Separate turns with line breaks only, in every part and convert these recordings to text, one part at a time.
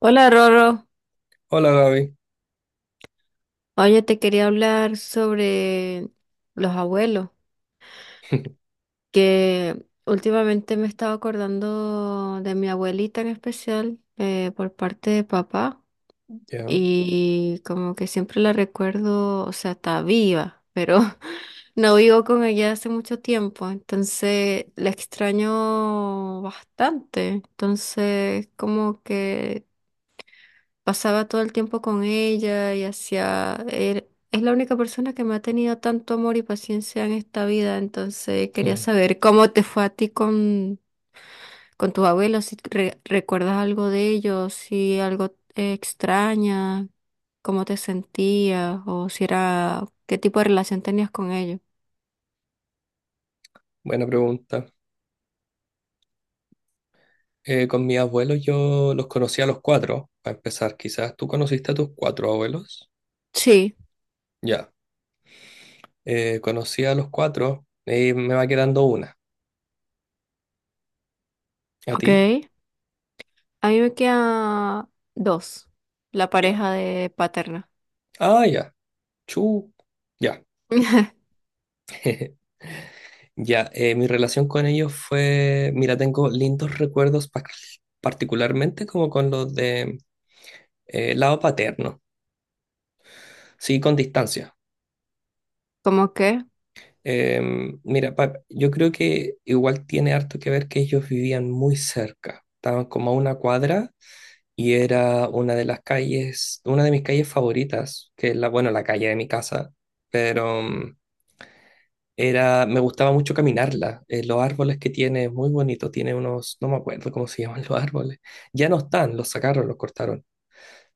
Hola Roro,
Hola Gaby.
oye, te quería hablar sobre los abuelos, que últimamente me estaba acordando de mi abuelita en especial, por parte de papá,
Ya.
y como que siempre la recuerdo, o sea, está viva, pero no vivo con ella hace mucho tiempo, entonces la extraño bastante, entonces como que pasaba todo el tiempo con ella y es la única persona que me ha tenido tanto amor y paciencia en esta vida, entonces quería
Mm,
saber cómo te fue a ti con tus abuelos, si recuerdas algo de ellos, si algo extraña, cómo te sentías o si era, qué tipo de relación tenías con ellos.
Buena pregunta. Con mis abuelos yo los conocí a los cuatro, para empezar. Quizás tú conociste a tus cuatro abuelos.
Sí,
Ya. Conocí a los cuatro y me va quedando una. ¿A
ok.
ti?
A mí me queda dos, la
Ya.
pareja de paterna.
Ah, ya. Chu. Ya. Ya. Mi relación con ellos fue, mira, tengo lindos recuerdos particularmente como con los de lado paterno. Sí, con distancia.
¿Cómo qué?
Mira, yo creo que igual tiene harto que ver que ellos vivían muy cerca, estaban como a una cuadra y era una de las calles, una de mis calles favoritas, que es la, bueno, la calle de mi casa, pero era, me gustaba mucho caminarla, los árboles que tiene, es muy bonito, tiene unos, no me acuerdo cómo se llaman los árboles, ya no están, los sacaron, los cortaron,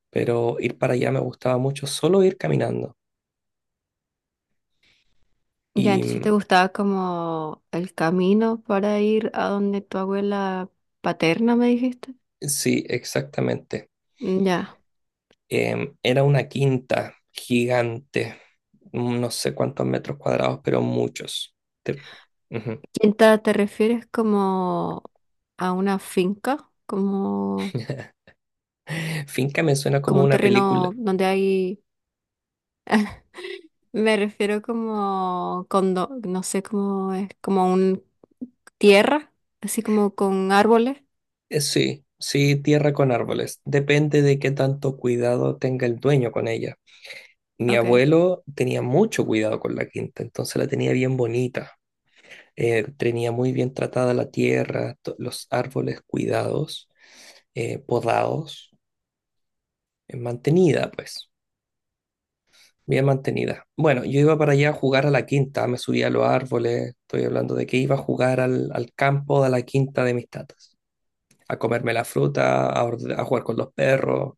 pero ir para allá me gustaba mucho, solo ir caminando.
Ya,
Y
entonces te
mm,
gustaba como el camino para ir a donde tu abuela paterna, me dijiste.
sí, exactamente.
Mm. Ya.
Era una quinta gigante, no sé cuántos metros cuadrados, pero muchos. Te- Ujú.
¿Quinta te refieres como a una finca? Como,
Finca me suena
como
como
un
una
terreno
película.
donde hay... Me refiero como condo, no sé cómo es, como un tierra, así como con árboles.
Sí, sí, tierra con árboles. Depende de qué tanto cuidado tenga el dueño con ella. Mi
Ok.
abuelo tenía mucho cuidado con la quinta, entonces la tenía bien bonita. Tenía muy bien tratada la tierra, los árboles cuidados, podados, mantenida, pues. Bien mantenida. Bueno, yo iba para allá a jugar a la quinta, me subí a los árboles, estoy hablando de que iba a jugar al campo de la quinta de mis tatas, a comerme la fruta, a, a jugar con los perros.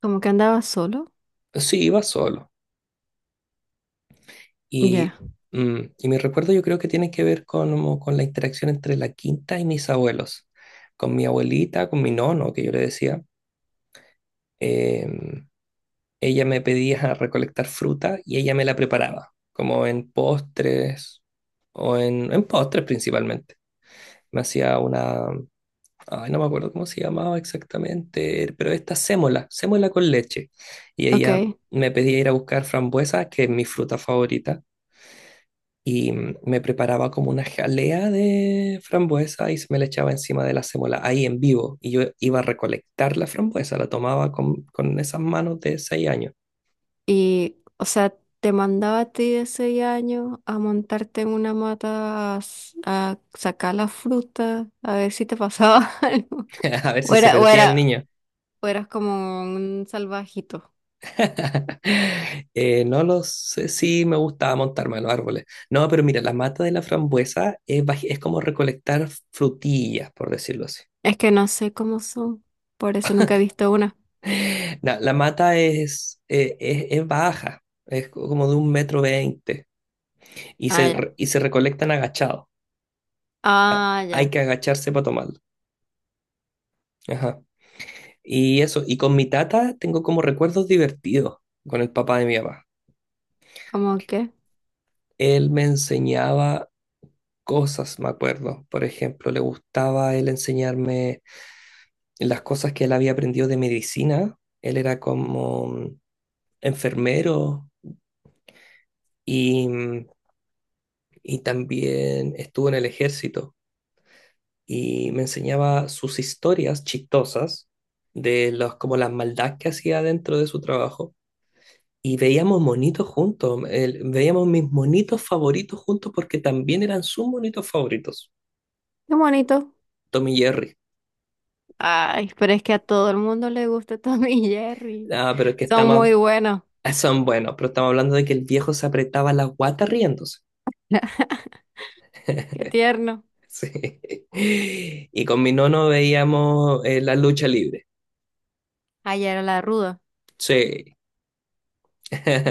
Como que andaba solo.
Sí, iba solo.
Ya.
Y, y mi recuerdo yo creo que tiene que ver con, como con la interacción entre la quinta y mis abuelos, con mi abuelita, con mi nono, que yo le decía. em, Ella me pedía recolectar fruta y ella me la preparaba, como en postres en postres principalmente. Me hacía una, ay, no me acuerdo cómo se llamaba exactamente, pero esta sémola con leche. Y
Ok.
ella me pedía ir a buscar frambuesas, que es mi fruta favorita, me preparaba como una jalea de frambuesa y se me la echaba encima de la sémola, ahí en vivo. Y yo iba a recolectar la frambuesa, la tomaba con esas manos de 6 años,
Y, o sea, te mandaba a ti de 6 años a montarte en una mata a, a sacar la fruta, a ver si te pasaba algo.
a ver
O
si se
era, o
perdía el
era,
niño.
o eras como un salvajito.
No lo sé, sí me gustaba montarme a los árboles. No, pero mira, la mata de la frambuesa es, es como recolectar frutillas, por decirlo así.
Es que no sé cómo son, por eso nunca he visto una.
La mata es, es baja, como de 1,20 m
Ah, ya.
y se recolectan agachados.
Ah,
Hay
ya.
que agacharse para tomarlo. Ajá. Y eso, y con mi tata tengo como recuerdos divertidos con el papá de mi papá.
¿Cómo qué?
Él me enseñaba cosas, me acuerdo. Por ejemplo, le gustaba él enseñarme las cosas que él había aprendido de medicina. Él era como enfermero y, mm, y también estuvo en el ejército y me enseñaba sus historias chistosas de como las maldades que hacía dentro de su trabajo. Y veíamos monitos juntos, veíamos mis monitos favoritos juntos porque también eran sus monitos favoritos,
Qué bonito.
Tom y Jerry.
Ay, pero es que a todo el mundo le gusta Tom y Jerry.
Ah, pero es que está
Son
más,
muy buenos.
Son buenos, pero estamos hablando de que el viejo se apretaba la guata riéndose.
Qué tierno.
Sí. Y con mi nono veíamos la lucha libre.
Ayer era la ruda.
Sí.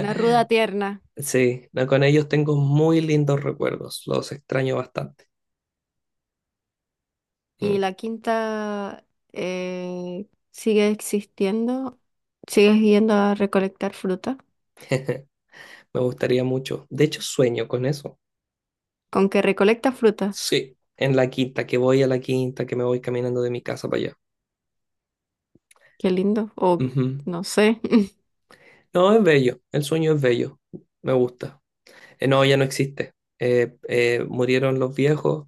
Una ruda tierna.
Sí, no, con ellos tengo muy lindos recuerdos. Los extraño bastante. Mm.
¿Y la quinta, eh, sigue existiendo? ¿Sigues yendo a recolectar fruta?
Me gustaría mucho. De hecho, sueño con eso.
¿Con que recolecta fruta?
Sí, en la quinta, que voy a la quinta, que me voy caminando de mi casa para allá.
Qué lindo. O
Ujú.
no sé.
No, es bello. El sueño es bello. Me gusta. No, ya no existe. Murieron los viejos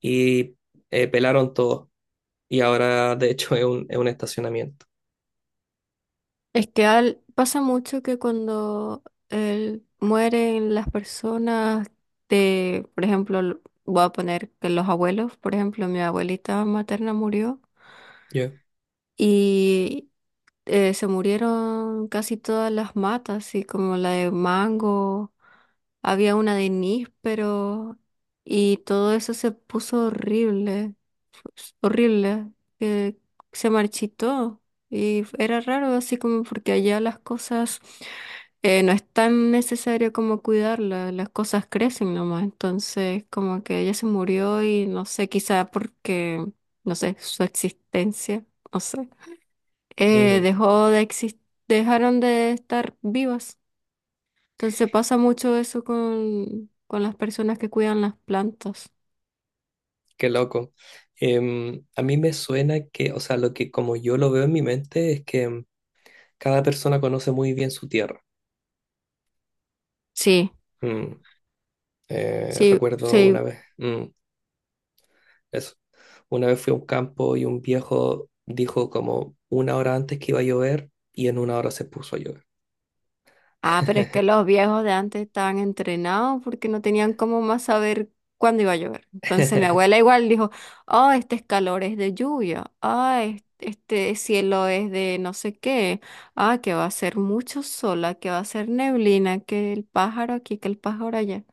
y pelaron todo. Y ahora, de hecho, es un estacionamiento.
Es que pasa mucho que cuando mueren las personas de, por ejemplo, voy a poner que los abuelos, por ejemplo, mi abuelita materna murió.
Yeah.
Se murieron casi todas las matas, así como la de mango, había una de níspero y todo eso se puso horrible, pues, horrible, que se marchitó y era raro así como porque allá las cosas, no es tan necesario como cuidarlas, las cosas crecen nomás, entonces como que ella se murió y no sé, quizá porque, no sé, su existencia, no sé, eh,
Ujú.
dejó de exis- dejaron de estar vivas. Entonces pasa mucho eso con las personas que cuidan las plantas.
Qué loco. A mí me suena que, o sea, lo que como yo lo veo en mi mente es que cada persona conoce muy bien su tierra.
Sí,
Mm,
sí,
recuerdo
sí.
una vez, eso. Una vez fui a un campo y un viejo dijo como una hora antes que iba a llover y en una hora se puso a llover.
Ah, pero es que los viejos de antes estaban entrenados porque no tenían cómo más saber cuándo iba a llover. Entonces mi abuela igual dijo, oh, este es calor es de lluvia, ah, este cielo es de no sé qué, ah, que va a ser mucho sol, ah, que va a ser neblina, que el pájaro aquí, que el pájaro allá.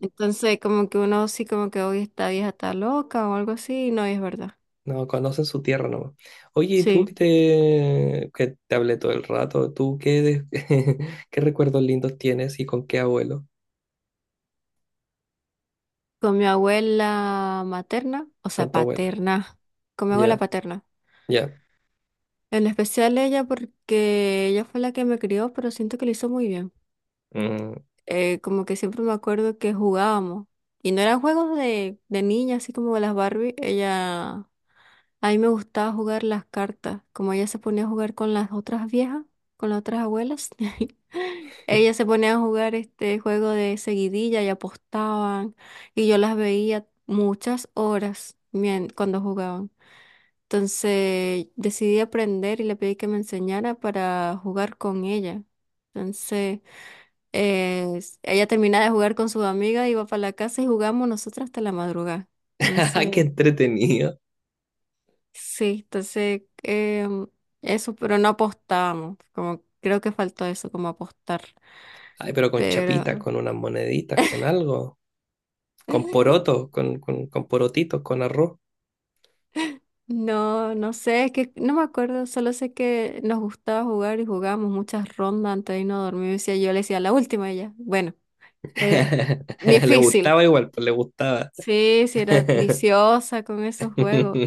Entonces, como que uno sí, como que hoy esta vieja está loca o algo así, y no, y es verdad.
No, conocen su tierra nomás. Oye, ¿y tú
Sí,
que te hablé todo el rato? ¿Tú qué, qué recuerdos lindos tienes y con qué abuelo?
con mi abuela materna, o
Con
sea,
tu abuela.
paterna, con mi abuela
Ya,
paterna.
ya.
En especial ella porque ella fue la que me crió, pero siento que lo hizo muy bien.
Mm.
Como que siempre me acuerdo que jugábamos. Y no eran juegos de niña, así como las Barbie. Ella A mí me gustaba jugar las cartas. Como ella se ponía a jugar con las otras viejas, con las otras abuelas, ella se ponía a jugar este juego de seguidilla y apostaban. Y yo las veía muchas horas cuando jugaban. Entonces decidí aprender y le pedí que me enseñara para jugar con ella. Entonces ella terminaba de jugar con su amiga, iba para la casa y jugamos nosotras hasta la madrugada. Entonces.
Qué entretenido.
Sí, entonces eso, pero no apostábamos, como creo que faltó eso, como apostar,
Ay, pero con chapitas,
pero
con unas moneditas, con algo. Con porotos, con, con, con porotitos, con arroz.
no, no sé, es que no me acuerdo, solo sé que nos gustaba jugar y jugábamos muchas rondas antes de irnos a dormir, decía, yo le decía la última y ya, bueno, eh,
Le
difícil,
gustaba igual, pues le gustaba.
sí, sí, era viciosa con esos juegos.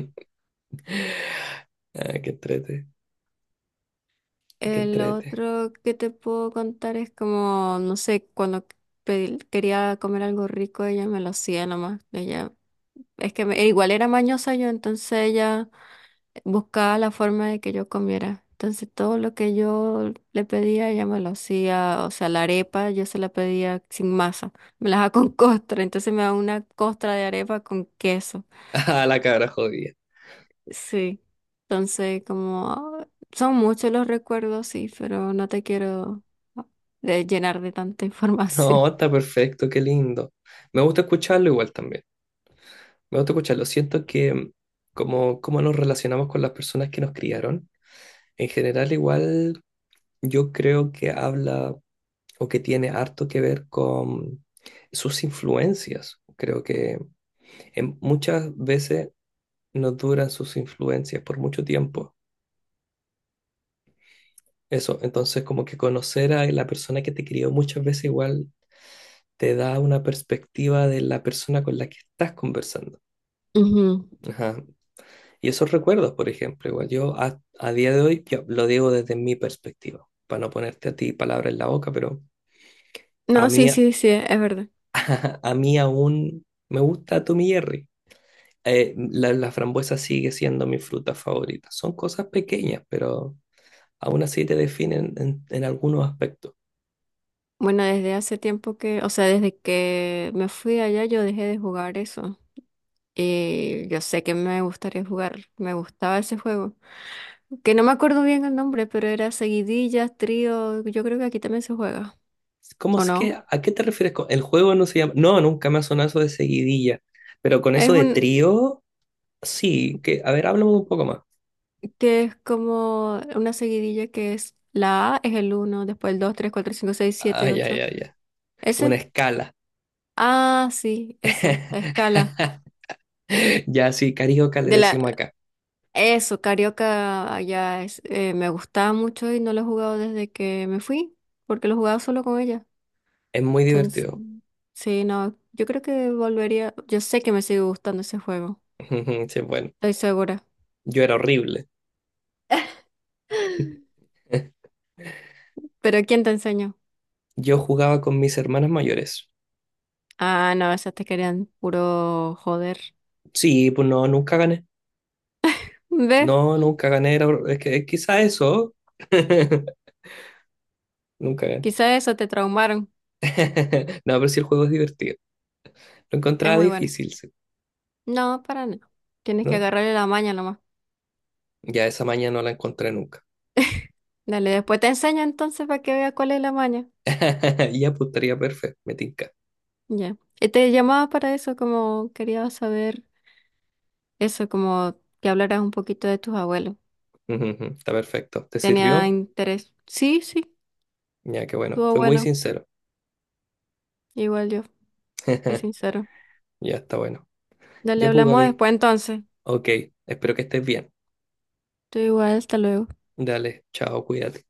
Ah, qué entrete, qué
El
entrete.
otro que te puedo contar es como, no sé, cuando quería comer algo rico, ella me lo hacía nomás, ella. Es que igual era mañosa yo, entonces ella buscaba la forma de que yo comiera. Entonces todo lo que yo le pedía, ella me lo hacía. O sea, la arepa yo se la pedía sin masa. Me la daba con costra. Entonces me daba una costra de arepa con queso.
Ah, la cabra jodida.
Sí. Entonces como ah, son muchos los recuerdos, sí, pero no te quiero ah, llenar de tanta información.
No, está perfecto, qué lindo. Me gusta escucharlo igual también. Me gusta escucharlo. Siento que como nos relacionamos con las personas que nos criaron, en general igual yo creo que habla o que tiene harto que ver con sus influencias. Creo que muchas veces nos duran sus influencias por mucho tiempo. Eso, entonces como que conocer a la persona que te crió muchas veces igual te da una perspectiva de la persona con la que estás conversando.
Ujú.
Ajá. Y esos recuerdos, por ejemplo, igual yo a día de hoy yo lo digo desde mi perspectiva, para no ponerte a ti palabras en la boca, pero a
No, sí,
mí, a,
sí, sí, es verdad.
a mí aún me gusta Tommy Jerry. La frambuesa sigue siendo mi fruta favorita. Son cosas pequeñas, pero aún así te definen en algunos aspectos.
Bueno, desde hace tiempo que, o sea, desde que me fui allá yo dejé de jugar eso. Y yo sé que me gustaría jugar, me gustaba ese juego. Que no me acuerdo bien el nombre, pero era seguidillas, trío, yo creo que aquí también se juega,
¿Cómo
¿o
es que,
no?
a qué te refieres con el juego no se llama? No, nunca me ha sonado eso de seguidilla, pero con
Es
eso de
un,
trío, sí, que, a ver, háblame un poco más.
que es como una seguidilla que es la A es el uno, después el 2, 3, 4, 5, 6, siete,
Ay, ay,
8.
ay, ay. Una
¿Ese?
escala.
Ah, sí, eso, la escala.
Ya sí, carioca le
De la,
decimos acá.
Eso, Carioca allá es, me gustaba mucho y no lo he jugado desde que me fui, porque lo jugaba solo con ella.
Es muy
Entonces,
divertido.
sí, no, yo creo que volvería, yo sé que me sigue gustando ese juego,
Sí, bueno,
estoy segura.
yo era horrible.
Pero ¿quién te enseñó?
Yo jugaba con mis hermanas mayores.
Ah, no, esas te querían puro joder.
Sí, pues no, nunca gané.
Ve,
No, nunca gané. Era es que es quizá eso. Nunca gané.
quizá eso te traumaron.
No, pero sí el juego es divertido. Lo
Es
encontraba
muy bueno.
difícil, sí,
No, para nada. Tienes que
¿no?
agarrarle la maña nomás.
Ya esa mañana no la encontré nunca.
Dale, después te enseño entonces para que veas cuál es la maña.
Y apuntaría perfecto, me tinca.
Ya. Y te llamaba para eso, como quería saber. Eso, como que hablaras un poquito de tus abuelos.
Ujú, ujú. Está perfecto. ¿Te
Tenía
sirvió?
interés. Sí, sí,
Ya, qué bueno.
estuvo
Fue muy
bueno.
sincero.
Igual yo, fue sincero.
Ya está bueno.
Dale,
Ya pues,
hablamos
Gaby.
después entonces.
Ok, espero que estés bien.
Tú igual, hasta luego.
Dale, chao, cuídate.